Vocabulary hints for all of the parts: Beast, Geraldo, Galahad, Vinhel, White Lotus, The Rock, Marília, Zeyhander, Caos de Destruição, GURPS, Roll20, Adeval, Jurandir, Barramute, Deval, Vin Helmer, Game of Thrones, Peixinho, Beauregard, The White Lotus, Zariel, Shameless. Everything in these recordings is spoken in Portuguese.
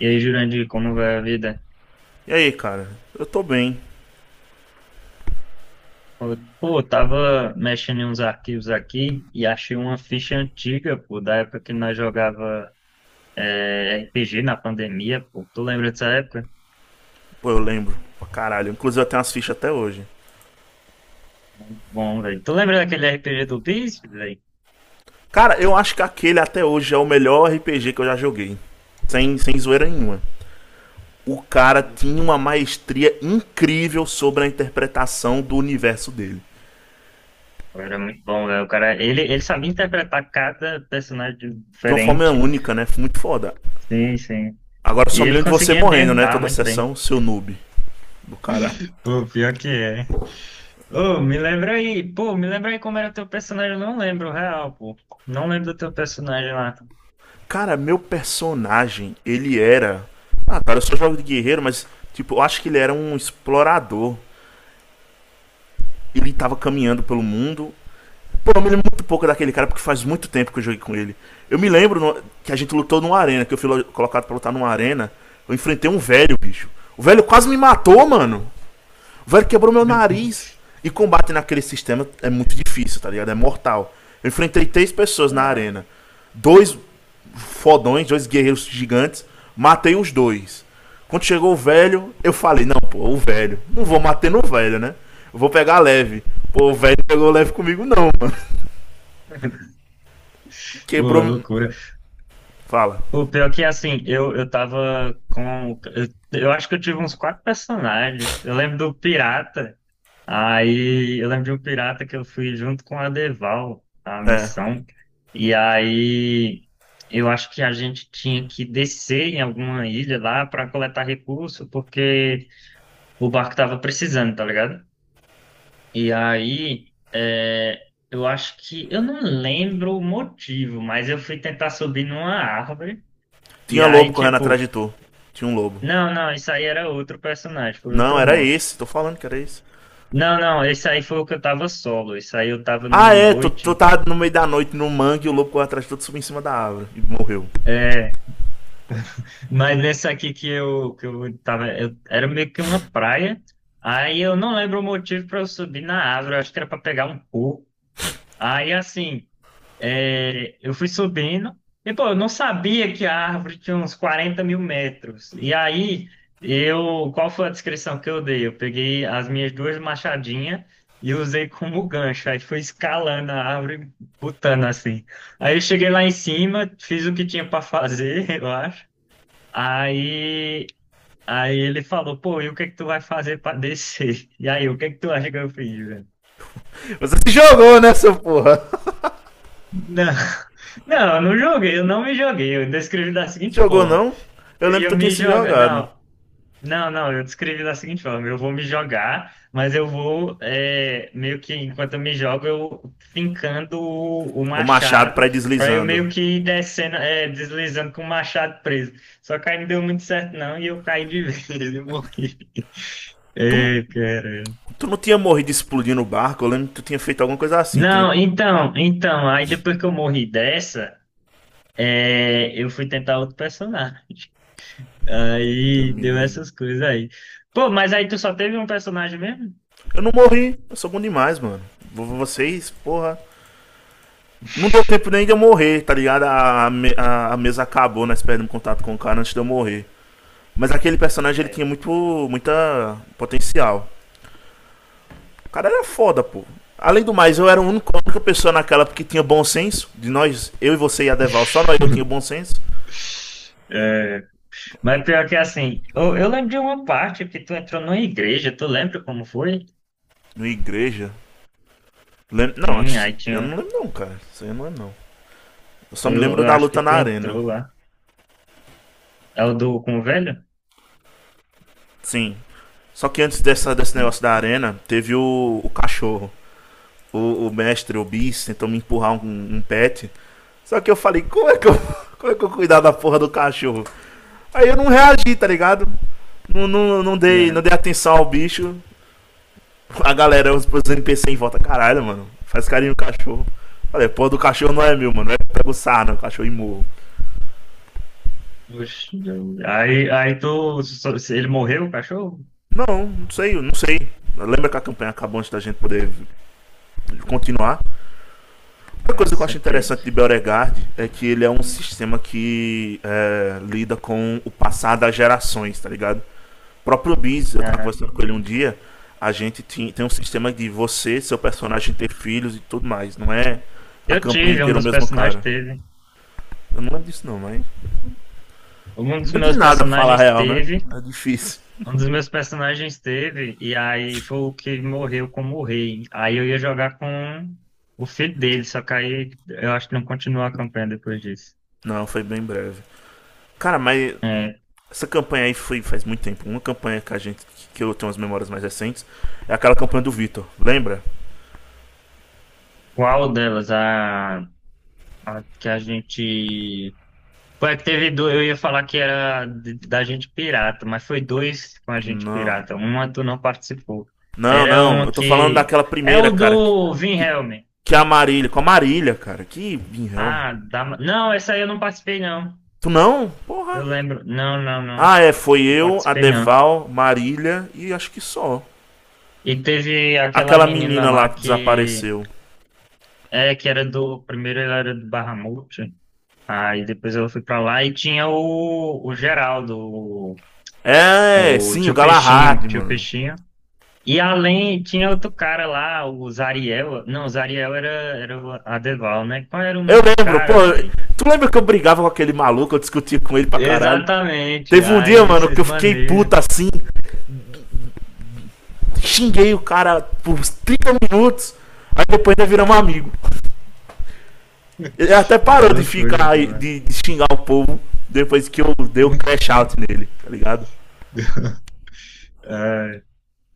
E aí, Jurandir, como vai a vida? E aí, cara? Eu tô bem. Pô, pô, eu tava mexendo em uns arquivos aqui e achei uma ficha antiga, pô, da época que nós jogava RPG na pandemia, pô. Tu lembra dessa época? Pô, eu lembro. Pra caralho. Inclusive eu tenho as fichas até hoje. Muito bom, velho. Tu lembra daquele RPG do Beast, velho? Cara, eu acho que aquele até hoje é o melhor RPG que eu já joguei. Sem zoeira nenhuma. O cara Pô, tinha uma maestria incrível sobre a interpretação do universo dele. era muito bom, velho. O cara, ele sabia interpretar cada personagem De uma forma diferente. única, né? Muito foda. Sim, sim. Agora E só me ele lembro de você conseguia morrendo, né? ambientar Toda a muito bem. sessão, seu noob. Do cara. Pô, pior que é. Ô, me lembra aí. Pô, me lembra aí como era teu personagem. Eu não lembro, real, pô. Não lembro do teu personagem lá. Cara, meu personagem, ele era. Ah, cara, eu só jogo de guerreiro, mas, tipo, eu acho que ele era um explorador. Ele estava caminhando pelo mundo. Pô, eu me lembro muito pouco daquele cara, porque faz muito tempo que eu joguei com ele. Eu me lembro que a gente lutou numa arena, que eu fui colocado pra lutar numa arena. Eu enfrentei um velho, bicho. O velho quase me matou, mano. O velho quebrou meu nariz. E combate naquele sistema é muito difícil, tá ligado? É mortal. Eu enfrentei três pessoas na Ah, arena. Dois fodões, dois guerreiros gigantes. Matei os dois. Quando chegou o velho, eu falei: Não, pô, o velho. Não vou matar no velho, né? Eu vou pegar leve. Pô, o velho não pegou leve comigo, não, mano. pô, Quebrou. loucura. Fala. Pô, pior que assim, eu tava com. Eu acho que eu tive uns quatro personagens. Eu lembro do Pirata. Aí eu lembro de um pirata que eu fui junto com a Deval, a É. missão. E aí eu acho que a gente tinha que descer em alguma ilha lá para coletar recurso, porque o barco tava precisando, tá ligado? E aí, eu acho que, eu não lembro o motivo, mas eu fui tentar subir numa árvore, e Tinha lobo aí, correndo atrás tipo, de tu. Tinha um lobo. não, não, isso aí era outro personagem, foi Não, outra era morte. esse. Tô falando que era esse. Não, não, esse aí foi o que eu tava solo, isso aí eu tava Ah, numa é. Tu noite, tava no meio da noite no mangue e o lobo correu atrás de tu, tu subiu em cima da árvore e morreu. é, mas nesse aqui que eu tava, era meio que uma praia, aí eu não lembro o motivo pra eu subir na árvore, eu acho que era pra pegar um coco. Aí, assim, é, eu fui subindo, e pô, eu não sabia que a árvore tinha uns 40.000 metros. E aí, eu, qual foi a descrição que eu dei? Eu peguei as minhas duas machadinhas e usei como gancho. Aí fui escalando a árvore, botando assim. Aí eu cheguei lá em cima, fiz o que tinha para fazer, eu acho. Aí, ele falou, pô, e o que é que tu vai fazer para descer? E aí, o que é que tu acha que eu fiz? Você se jogou nessa porra. Não, não, eu não joguei, eu não me joguei. Eu descrevi da seguinte Se jogou, forma: não? Eu eu lembro ia que tu tinha me se jogar. jogado. Não, não, não, eu descrevi da seguinte forma: eu vou me jogar, mas eu vou, é, meio que enquanto eu me jogo, eu fincando o O machado machado, pra ir pra eu meio deslizando. que ir descendo, deslizando com o machado preso. Só que aí não deu muito certo, não, e eu caí de vez e morri. Tu, Ei, cara. tu não tinha morrido explodindo o barco? Eu lembro que tu tinha feito alguma coisa assim. Tem. Não, então, aí depois que eu morri dessa, eu fui tentar outro personagem. Eu Aí deu essas coisas aí. Pô, mas aí tu só teve um personagem mesmo? não morri. Eu sou bom demais, mano. Vocês, porra. Não deu tempo nem de eu morrer, tá ligado? A mesa acabou, nós perdemos contato com o cara antes de eu morrer. Mas aquele personagem, ele tinha É. muito muita potencial. O cara era foda, pô. Além do mais, eu era a única pessoa naquela que tinha bom senso. De nós, eu e você e a Deval, só nós eu tinha bom senso. É, mas pior que assim, eu lembro de uma parte que tu entrou numa igreja, tu lembra como foi? No igreja. Não, Sim, aí eu não tinha. lembro não, cara. Isso aí eu não lembro não. Eu só me Eu, lembro eu da acho que luta na tu arena. entrou lá. É o do com o velho? Sim. Só que antes dessa, desse Hum, negócio da arena, teve o cachorro. O mestre, o bis, tentou me empurrar um pet. Só que eu falei: como é que eu, como é que eu cuidar da porra do cachorro? Aí eu não reagi, tá ligado? Não, não, não, dei, não é. dei atenção ao bicho. A galera, os NPC em volta, caralho, mano, faz carinho no cachorro. Falei, porra do cachorro não é meu, mano. É que eu pego sarna, o cachorro e morro. Oxi, eu- Aí, tu. Só- Ele morreu, o cachorro? Não, não sei, não sei. Lembra que a campanha acabou antes da gente poder continuar? Outra Ah, coisa que eu acho que. interessante de Beauregard é que ele é um sistema que é, lida com o passar das gerações, tá ligado? O próprio Biz, eu tava Ah, conversando com ele um dia, a gente tem um sistema de você, seu personagem ter filhos e tudo mais. Não é a eu campanha tive, um inteira o dos mesmo personagens cara. teve. Eu não lembro disso não, mas. Um Não dos lembro de meus nada pra falar a personagens real, né? teve. É difícil. Um dos meus personagens teve, e aí foi o que morreu como rei. Aí eu ia jogar com o filho dele, só que aí eu acho que não continuou a campanha depois disso. Não, foi bem breve. Cara, mas É, essa campanha aí foi faz muito tempo. Uma campanha que a gente, que eu tenho as memórias mais recentes é aquela campanha do Vitor. Lembra? qual delas? A que a gente. Foi a que teve dois, eu ia falar que era de- da gente pirata, mas foi dois com a gente Não. pirata. Uma tu não participou. Não, Era não. uma Eu tô falando que. daquela É primeira, o cara. Do Vin que, Helmer. que é a Marília. Com a Marília, cara. Que Vinhel. Ah, da... não, essa aí eu não participei, não. Tu não? Porra. Eu lembro. Não, não, não. Ah, é. Foi Não eu, a participei, não. Deval, Marília e acho que só. E teve aquela Aquela menina menina lá lá que que desapareceu. é que era do primeiro, ela era do Barramute, aí depois ela foi pra lá e tinha o Geraldo, É, o sim, o tio Peixinho, Galahad, tio mano. Peixinho. E além tinha outro cara lá, o Zariel, não, o Zariel era o Adeval, né? Qual era o Eu nome do lembro, pô. cara, velho? Tu lembra que eu brigava com aquele maluco? Eu discutia com ele pra caralho. Exatamente. Teve um dia, Aí mano, que vocês eu fiquei maneiram. puta assim. Xinguei o cara por 30 minutos. Aí depois ainda viramos amigo. Ele até É parou de loucura, ficar de xingar o povo depois que eu dei o mano. crash out nele, tá ligado?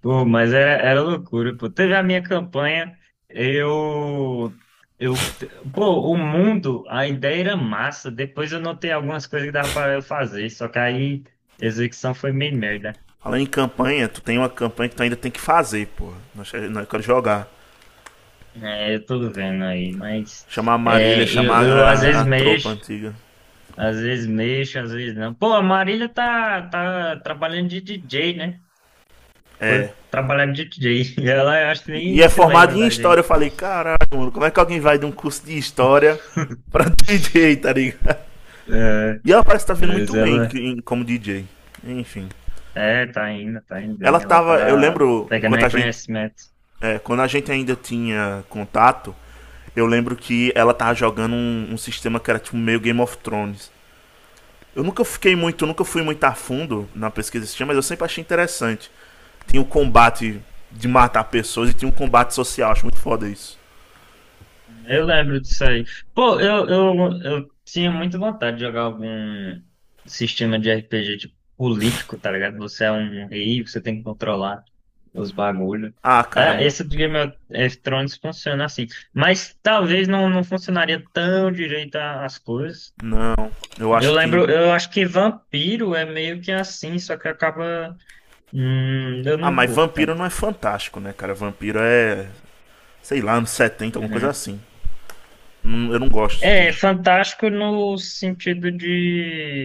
Pô, mas era loucura, pô. Teve a minha campanha, eu, eu, pô, o mundo, a ideia era massa. Depois eu notei algumas coisas que dava para eu fazer, só que aí a execução foi meio merda. Falando em campanha, tu tem uma campanha que tu ainda tem que fazer, porra. Nós queremos jogar. É, eu tô vendo aí, mas Chamar a Marília, eu, chamar eu às a, a vezes a tropa mexo, antiga. às vezes mexo, às vezes não. Pô, a Marília tá, tá trabalhando de DJ, né? Foi É. trabalhar de DJ. E ela, eu acho que E, e nem é se formado lembra em da história. Eu gente. falei, caralho, mano, como é que alguém vai de um curso de história pra DJ, tá ligado? É, E ela parece que tá vindo muito mas bem ela como DJ. Enfim. é, tá indo Ela bem. Ela tava, eu tá lembro, pegando enquanto a gente. reconhecimento. É, quando a gente ainda tinha contato, eu lembro que ela tava jogando um sistema que era tipo meio Game of Thrones. Eu nunca fiquei muito, nunca fui muito a fundo na pesquisa desse sistema, mas eu sempre achei interessante. Tinha o combate de matar pessoas e tinha um combate social, acho muito foda isso. Eu lembro disso aí. Pô, eu tinha muita vontade de jogar algum sistema de RPG de político, tá ligado? Você é um rei, você tem que controlar os bagulhos. Ah, cara, É, esse do Game of Thrones funciona assim. Mas talvez não, não funcionaria tão direito a- as coisas. não, eu Eu acho que. lembro, eu acho que vampiro é meio que assim, só que acaba. Eu Ah, não mas curto vampiro tanto. não é fantástico, né, cara? Vampiro é, sei lá, anos 70 alguma coisa Uhum. assim. Eu não gosto de. É fantástico no sentido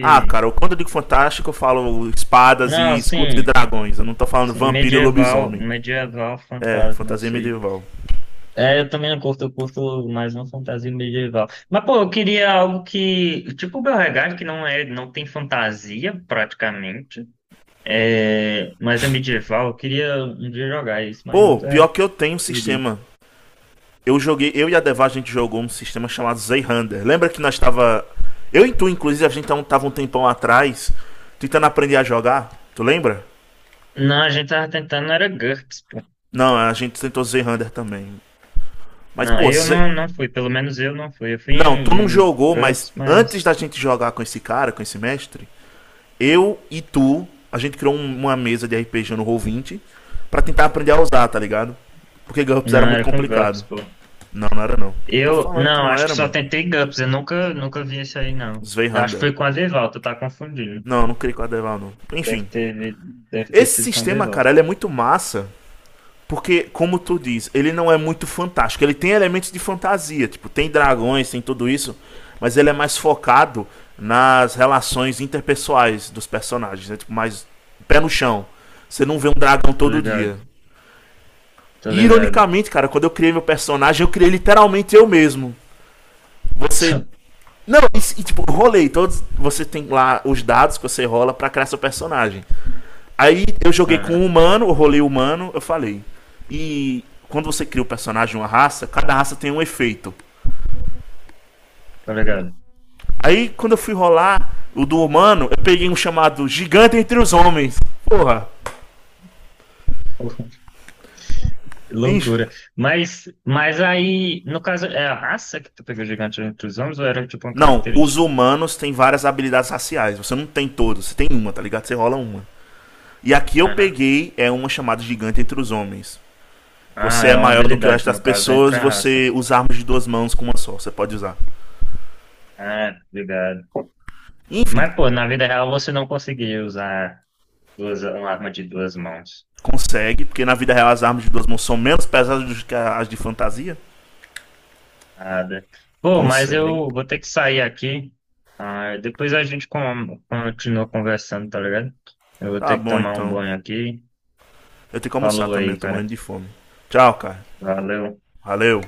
Ah, cara, quando eu digo fantástico, eu falo espadas Não, e escudos e assim, dragões. Eu não tô falando sim, vampiro e medieval, lobisomem. medieval É, fantasma, fantasia isso aí. medieval. É, eu também não curto, eu curto mais uma fantasia medieval. Mas, pô, eu queria algo que. Tipo o Beauregard, que não é, não tem fantasia, praticamente. É, mas é medieval. Eu queria um dia jogar isso, mas Pô, pior nunca que eu tenho um liguei. sistema. Eu joguei, eu e a Deva, a gente jogou um sistema chamado Zeyhander. Lembra que nós tava. Eu e tu, inclusive, a gente tava um tempão atrás tentando aprender a jogar. Tu lembra? Não, a gente tava tentando, era GURPS, pô. Não, a gente tentou Zeyhander também. Mas, Não, pô, eu Zey. não, não fui, pelo menos eu não fui. Eu fui Não, tu não em, jogou, mas GURPS, antes da mas. gente jogar com esse cara, com esse mestre, eu e tu, a gente criou uma mesa de RPG no Roll20 pra tentar aprender a usar, tá ligado? Porque GURPS era Não, muito era com complicado. GURPS, pô. Não, não era não. Tô Eu, falando que não, não acho que era, só mano. tentei GURPS, eu nunca, nunca vi isso aí, não. Eu acho que Sveihanda. foi com a Deval, tu tá confundindo. Não, não criei com a Deval, não. Enfim. Deve ter, vi- deve ter Esse sido com a sistema, cara, Deval. ele é muito massa. Porque, como tu diz, ele não é muito fantástico. Ele tem elementos de fantasia. Tipo, tem dragões, tem tudo isso. Mas ele é mais focado nas relações interpessoais dos personagens. Né? Tipo, mais pé no chão. Você não vê um dragão Tô todo ligado, dia. tô E, ligado. ironicamente, cara, quando eu criei meu personagem, eu criei literalmente eu mesmo. Você. Não, e, tipo, rolei todos. Você tem lá os dados que você rola pra criar seu personagem. Aí eu joguei com Aham, um humano, eu rolei humano, eu falei. E quando você cria o um personagem, uma raça, cada raça tem um efeito. tô ligado. Aí quando eu fui rolar o do humano, eu peguei um chamado Gigante entre os Homens. Porra, Que enche. loucura. Mas aí, no caso, é a raça que tu pegou gigante entre os homens ou era tipo uma Não, os característica? humanos têm várias habilidades raciais. Você não tem todos, você tem uma, tá ligado? Você rola uma. E aqui eu Aham. peguei é uma chamada gigante entre os homens. Ah, Você é é uma maior do que o resto habilidade, das no caso, pessoas entre e a raça. você usa armas de duas mãos com uma só. Você pode usar. Ah, obrigado. Enfim, Mas, pô, na vida real você não conseguia usar duas, uma arma de duas mãos. consegue, porque na vida real as armas de duas mãos são menos pesadas do que as de fantasia. Nada. Pô, mas Consegue. eu vou ter que sair aqui. Ah, depois a gente continua conversando, tá ligado? Eu vou Tá ter que bom tomar um então. banho aqui. Eu tenho que almoçar Falou também, eu aí, tô cara. morrendo de fome. Tchau, cara. Valeu. Valeu.